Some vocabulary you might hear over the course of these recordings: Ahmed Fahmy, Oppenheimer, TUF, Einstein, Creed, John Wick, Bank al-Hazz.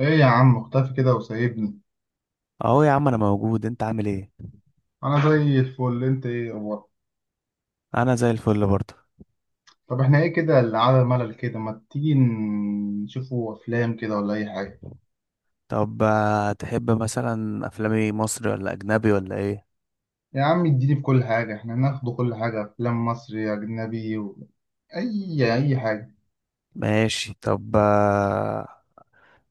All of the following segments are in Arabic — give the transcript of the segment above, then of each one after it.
ايه يا عم، مختفي كده وسايبني؟ اهو يا عم، انا موجود. انت عامل ايه؟ انا زي الفل. انت ايه اخبارك؟ انا زي الفل برضه. طب احنا ايه كده اللي على ملل كده؟ ما تيجي نشوفوا افلام كده ولا اي حاجه؟ طب، تحب مثلا افلام ايه، مصري ولا اجنبي ولا ايه؟ يا عم اديني في كل حاجه، احنا ناخده كل حاجه، افلام مصري اجنبي و... اي حاجه. ماشي. طب،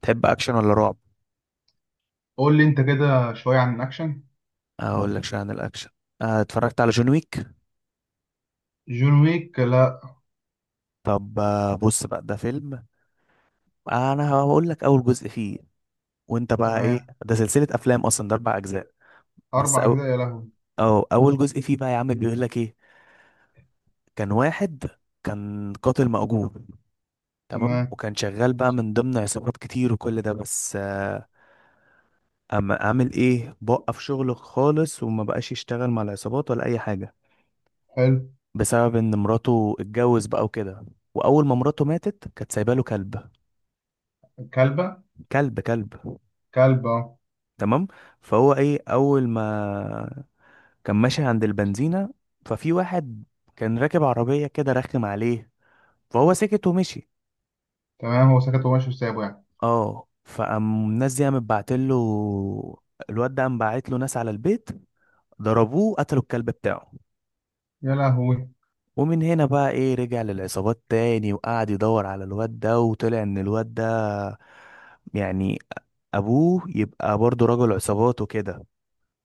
تحب اكشن ولا رعب؟ قول لي انت كده شويه عن الاكشن. اقول لك شويه عن الاكشن. اتفرجت على جون ويك. جون ويك، لا. طب، بص بقى، ده فيلم. انا هقول لك اول جزء فيه. وانت بقى ايه؟ تمام. ده سلسله افلام اصلا، ده اربع اجزاء. بس اربع أو... اجزاء! يا لهوي. أو اول جزء فيه بقى، يا عم، بيقول لك ايه. كان واحد، كان قاتل مأجور. تمام. تمام. وكان شغال بقى من ضمن عصابات كتير وكل ده، بس اما اعمل ايه، بوقف شغله خالص وما بقاش يشتغل مع العصابات ولا اي حاجه، حلو. بسبب ان مراته اتجوز بقى وكده. واول ما مراته ماتت كانت سايبه له كلب. كلبه. كلب كلب. كلبه أهو. تمام. فهو ايه، اول ما كان ماشي عند البنزينه، ففي واحد كان راكب عربيه كده، رخم عليه. فهو سكت ومشي. تمام، هو سكت وماشي وسابه يعني. اه، فقام الناس دي قامت بعتله، الواد ده قام باعت له ناس على البيت، ضربوه، قتلوا الكلب بتاعه. يا لهوي. ومن هنا بقى ايه، رجع للعصابات تاني وقعد يدور على الواد ده، وطلع ان الواد ده يعني ابوه يبقى برضه رجل عصابات وكده.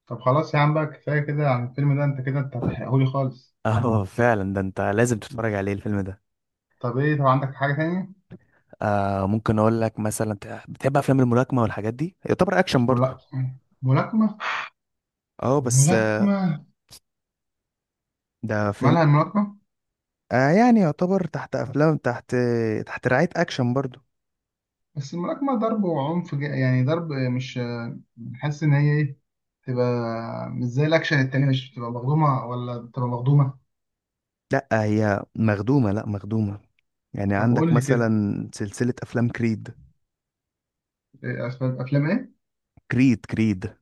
طب خلاص يا عم بقى، كفايه كده عن الفيلم ده، انت كده انت هتحرقهولي خالص. اه، فعلا، ده انت لازم تتفرج عليه الفيلم ده. طب ايه؟ طب عندك حاجة تانية؟ آه، ممكن اقول لك مثلا، بتحب افلام الملاكمة والحاجات دي، يعتبر اكشن ملا... برضه. ملاكمة اه، بس ملاكمة. ده فيلم. مالها الملاكمة؟ آه، يعني يعتبر تحت رعاية اكشن برضه. بس الملاكمة ضرب وعنف، يعني ضرب، مش حاسس إن هي إيه؟ تبقى مش زي الأكشن التاني، مش بتبقى مخدومة ولا بتبقى مخدومة؟ لا، هي مخدومة، لا، مخدومة. يعني طب عندك قول لي كده. مثلا سلسلة افلام كريد. إيه أسباب أفلام إيه؟ كريد، كريد.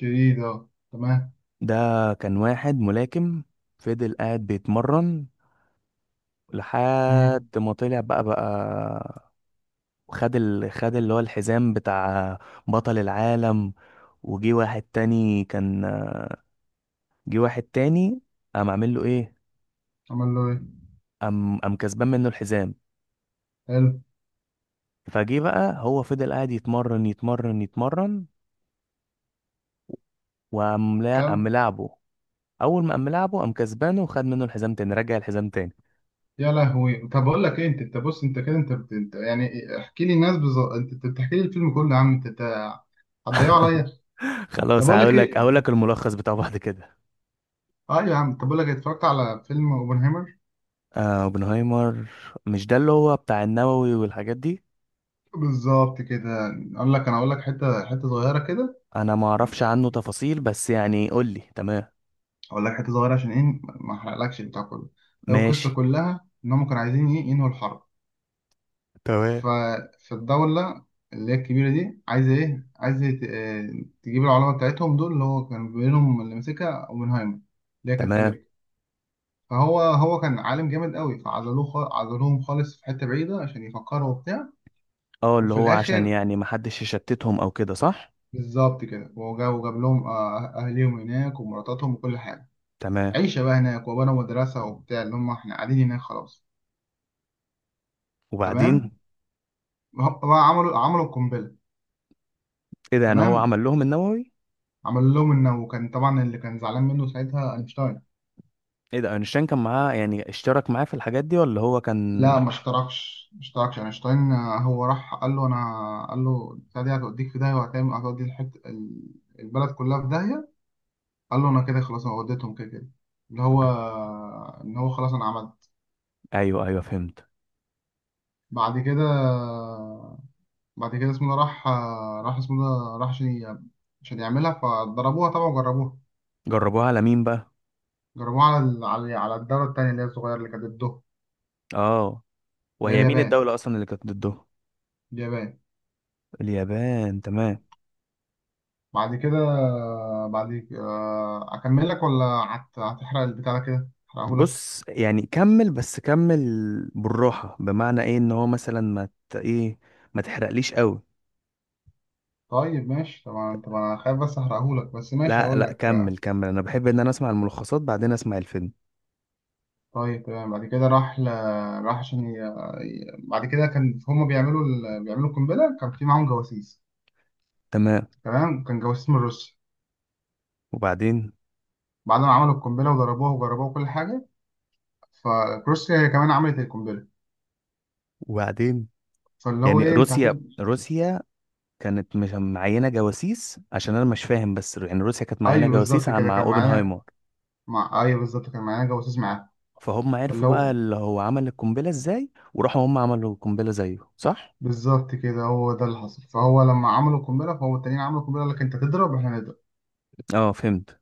جديد، أه تمام. ده كان واحد ملاكم، فضل قاعد بيتمرن مم. لحد ما طلع بقى خد اللي هو الحزام بتاع بطل العالم. وجي واحد تاني كان جه واحد تاني، قام عامل له ايه؟ عمل له إيه؟ قام كسبان منه الحزام. حلو. فجه بقى، هو فضل قاعد يتمرن، يتمرن، يتمرن. وقام، لا، قام كم؟ ملاعبه. اول ما قام ملاعبه، قام كسبانه وخد منه الحزام تاني، رجع الحزام تاني. يا لهوي، طب أقول لك إيه؟ أنت بص، أنت كده أنت، أنت يعني احكي لي الناس بالظبط، أنت بتحكي لي الفيلم كله يا عم، أنت هتضيعه عليا. طب خلاص، أقول لك هقول لك هقول إيه؟ لك الملخص بتاعه بعد كده. اه يا عم، طب بقول لك، اتفرجت على فيلم اوبنهايمر. آه، اوبنهايمر. مش ده اللي هو بتاع النووي والحاجات دي؟ بالظبط كده. اقول لك حته حته صغيره كده. انا ما اعرفش عنه تفاصيل، بس يعني قول لي. تمام. اقول لك حته صغيره عشان ايه ما احرقلكش البتاع كله. هي ماشي. القصه كلها ان هم كانوا عايزين ايه ينهوا الحرب. تمام، ففي الدوله اللي هي الكبيره دي عايزه ايه، عايزه تجيب العلماء بتاعتهم دول اللي هو كان بينهم اللي ماسكها اوبنهايمر، اللي هي كانت تمام. امريكا. فهو كان عالم جامد قوي، عزلوهم خالص في حته بعيده عشان يفكروا وبتاع. اه، اللي وفي هو عشان الاخر، يعني محدش يشتتهم او كده، صح؟ بالظبط كده. وجاب لهم آه، أه-، اهليهم هناك ومراتاتهم وكل حاجه. تمام. عيشه بقى هناك، وبنوا مدرسه وبتاع اللي هم احنا قاعدين هناك خلاص. تمام. وبعدين؟ هم عملوا القنبله. ايه ده؟ يعني هو تمام، عمل لهم النووي؟ عملوا لهم انه. وكان طبعا اللي كان زعلان منه ساعتها اينشتاين. ايه ده؟ اينشتاين كان معاه، يعني اشترك معاه في الحاجات دي، ولا هو لا، كان؟ ما اشتركش اينشتاين، هو راح قال له البتاع دي هتوديك في داهيه، وهتعمل هتودي البلد كلها في داهيه. قال له انا كده خلاص، انا وديتهم كده كده، اللي هو ان هو خلاص انا عملت. ايوه، ايوه، فهمت. بعد كده، اسمه ده راح. اسمه ده راح عشان يعملها، فضربوها طبعا وجربوها. جربوها على مين بقى؟ جربوها على ال- على على الدولة التانية اللي هي الصغيرة اللي كانت ضده، اه. اللي هي وهي مين اليابان. الدولة اصلا اللي كانت ضده؟ اليابان. اليابان، تمام. بعد كده، بعد آه، أكمل لك ولا هتحرق البتاع ده كده أحرقهولك؟ بص، يعني كمل، بس كمل. بالراحة، بمعنى ايه ان هو مثلا ما ت... ايه ما تحرقليش قوي. طيب ماشي، طبعا طبعا، أنا خايف بس أحرقهولك، بس ماشي لا، هقول لا، لك. كمل، كمل. انا بحب ان انا اسمع الملخصات، بعدين اسمع الفيلم. طيب تمام، بعد كده راح راح عشان بعد كده كان هما بيعملوا القنبلة، كان في معاهم جواسيس. تمام. تمام، كان جواسيس من روسيا. وبعدين؟ بعد ما عملوا القنبله وضربوها وجربوها كل حاجه، فروسيا هي كمان عملت القنبله. وبعدين؟ فاللي هو يعني ايه، انت روسيا روسيا كانت مش معينة جواسيس؟ عشان انا مش فاهم، بس يعني روسيا كانت معينة ايوه جواسيس بالظبط كده، مع كان معانا. اوبنهايمر. ايوه بالظبط، كان معانا جواسيس معاه. فهم فاللي عرفوا بقى هو اللي هو عمل القنبلة ازاي وراحوا هم عملوا القنبلة زيه، صح؟ بالظبط كده، هو ده اللي حصل، فهو لما عملوا القنبله، فهو التانيين عملوا القنبله، قال لك انت تضرب احنا نضرب. اه، فهمت.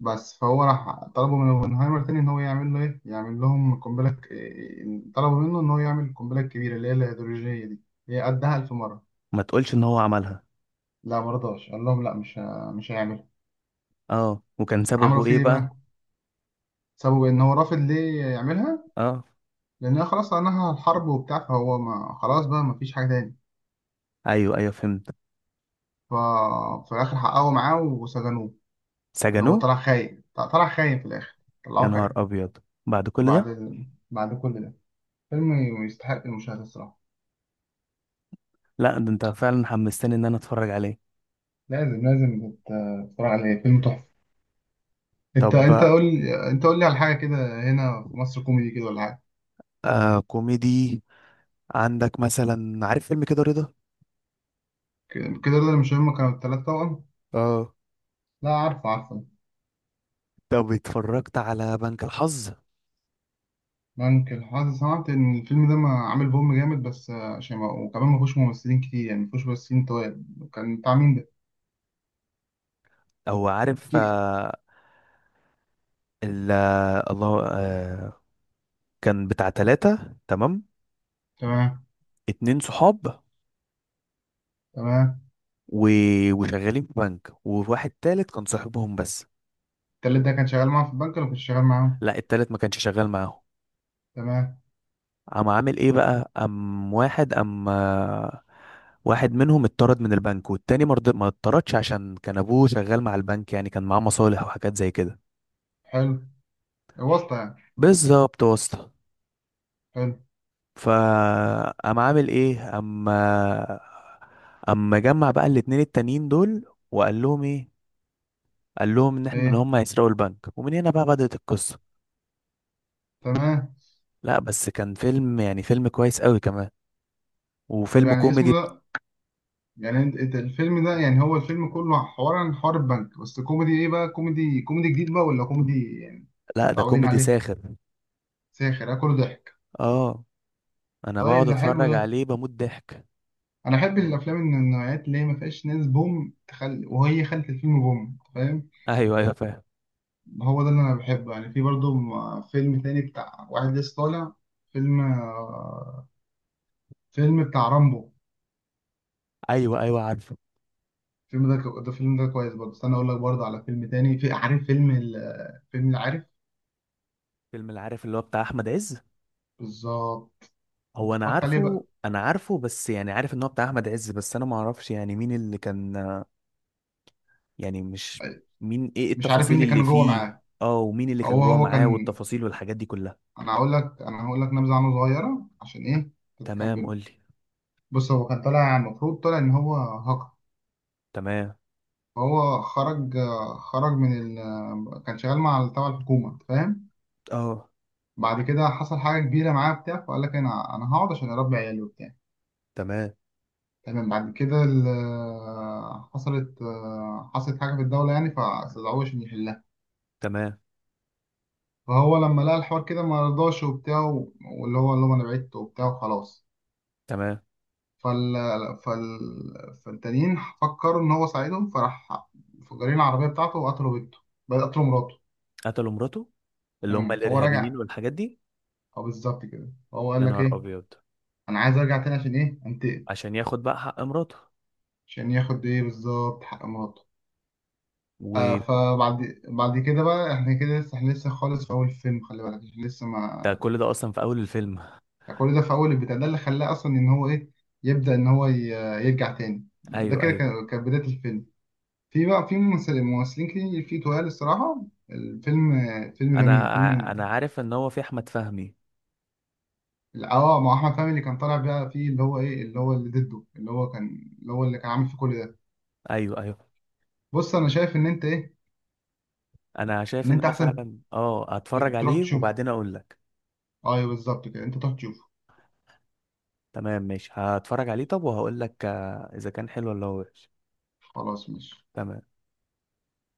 بس فهو راح طلبوا من اوبنهايمر تاني، ان هو يعمل له ايه، يعمل لهم طلبوا منه ان هو يعمل القنبله الكبيره اللي هي الهيدروجينيه دي، هي قدها 1000 مره. ما تقولش ان هو عملها؟ لا مرضاش، قال لهم لا، مش هيعملها. اه، وكان عملوا سببه فيه ايه ايه بقى؟ بقى؟ سبب ان هو رافض ليه يعملها؟ اه. لأن خلاص أنهى الحرب وبتاع، فهو ما خلاص بقى، ما فيش حاجة تاني. ايوه، ايوه، فهمت. ف... ففي الآخر حققوا معاه وسجنوه. اللي هو طلع سجنوه؟ خاين، طلع خاين في الآخر، يا طلعوه نهار خاين. ابيض! بعد كل ده؟ وبعد ال... بعد كل ده، فيلم يستحق المشاهدة الصراحة. لا، ده انت فعلا حمستني ان انا اتفرج عليه. لازم تتفرج عليه، فيلم تحفة. أنت طب، قول لي، أنت قول لي على حاجة كده. هنا في مصر، كوميدي كده ولا حاجة؟ كوميدي. عندك مثلا، عارف فيلم كده، رضا؟ كده، ده مش هم كانوا التلات توأم؟ اه. لا، عارفه عارفه. طب، اتفرجت على بنك الحظ. ممكن حاسس سمعت ان الفيلم ده ما عامل بوم جامد، بس عشان ما، وكمان ما فيهوش ممثلين كتير، يعني ما فيهوش ممثلين طوال. كان بتاع مين ده؟ او عارف، كي. آه. الله. كان بتاع ثلاثة، تمام. تمام. اتنين صحاب، تمام. و... وشغالين في بنك، وواحد تالت كان صاحبهم بس. التالت ده كان شغال معاهم في البنك ولا كنت شغال معاهم؟ لا، التالت ما كانش شغال معاهم. تمام. قام عامل ايه بقى، قام واحد قام آه، واحد منهم اتطرد من البنك، والتاني ما اتطردش، عشان كان ابوه شغال مع البنك، يعني كان معاه مصالح وحاجات زي كده. حلو. واسطة يعني. بالظبط، واسطة. حلو. فقام عامل ايه، اما جمع بقى الاتنين التانيين دول، وقال لهم ايه، قال لهم ان ايه، هم هيسرقوا البنك، ومن هنا بقى بدأت القصة. تمام. لا، بس كان فيلم، يعني فيلم كويس قوي كمان. طب وفيلم يعني كوميدي اسمه بت- ده، يعني انت الفيلم ده، يعني هو الفيلم كله حوار عن حوار البنك، بس كوميدي ايه بقى، كوميدي كوميدي جديد بقى ولا كوميدي يعني لا، ده متعودين كوميدي عليه؟ ساخر. ساخر، كله ضحك. اه. انا طيب بقعد ده حلو اتفرج ده، عليه، بموت ضحك. انا احب الافلام من النوعيات اللي هي ما فيهاش ناس بوم وهي خلت الفيلم بوم، فاهم؟ ايوه، ايوه، فاهم. هو ده اللي انا بحبه يعني، في برضه فيلم تاني بتاع واحد لسه طالع. فيلم فيلم بتاع رامبو. ايوه، ايوه، عارفه. الفيلم ده ده فيلم ده كويس برضه، استنى اقول لك برضه على فيلم تاني، في عارف فيلم فيلم اللي عارف، فيلم العارف، اللي هو بتاع احمد عز؟ بالظبط. انت هو انا اتفرجت عليه عارفه بقى؟ انا عارفه بس يعني عارف ان هو بتاع احمد عز، بس انا ما اعرفش يعني مين اللي كان. يعني مش، ايه مش عارف مين التفاصيل اللي اللي كان جوه فيه، معاه. اه، ومين اللي كان هو جوه هو معاه كان، والتفاصيل والحاجات دي كلها. انا هقول لك نبذه عنه صغيره عشان ايه تمام، تكمل. قول لي. بص، هو كان المفروض طالع ان هو هاكر. تمام. هو خرج من كان شغال مع تبع الحكومة، فاهم؟ اه. بعد كده حصل حاجة كبيرة معاه بتاع فقال لك أنا هقعد عشان أربي عيالي وبتاع. تمام، تمام، بعد كده حصلت حاجة في الدولة يعني، فاستدعوه عشان يحلها. تمام، فهو لما لقى الحوار كده ما رضاش وبتاع، واللي هو اللي هو أنا بعدت وبتاع وخلاص. تمام. فال فال فالتانيين فكروا إن هو ساعدهم، فراح مفجرين العربية بتاعته وقتلوا بنته، بقى قتلوا مراته. قتلوا مراته، اللي هم مم. فهو الارهابيين رجع، والحاجات دي. اه بالظبط كده، هو قال يا لك نهار ايه، ابيض! انا عايز ارجع تاني عشان ايه انتقم، عشان ياخد بقى حق مراته. عشان ياخد ايه بالظبط حق مراته. وده، فبعد كده بقى، احنا لسه خالص في اول الفيلم، خلي بالك احنا لسه ما، كل ده اصلا في اول الفيلم؟ يعني كل ده في اول البتاع ده، اللي خلاه اصلا ان هو ايه يبدا ان هو يرجع تاني. ده ايوه، كده ايوه. كانت بدايه الفيلم. في بقى في ممثلين كتير، في تقال الصراحه الفيلم، فيلم جميل، فيلم. انا عارف ان هو في احمد فهمي. اه، مع احمد فهمي، اللي كان طالع بقى فيه، اللي هو ايه، اللي هو اللي ضده، اللي هو كان، اللي هو اللي كان عامل فيه كل ده. ايوه، ايوه. بص انا شايف ان انت ايه، انا شايف ان ان انت انا احسن فعلا هتفرج تروح عليه، تشوفه. وبعدين اقول لك. ايوه بالظبط كده، انت تروح تشوفه. تمام، ماشي، هتفرج عليه. طب، وهقول لك اذا كان حلو ولا وحش. خلاص ماشي. تمام.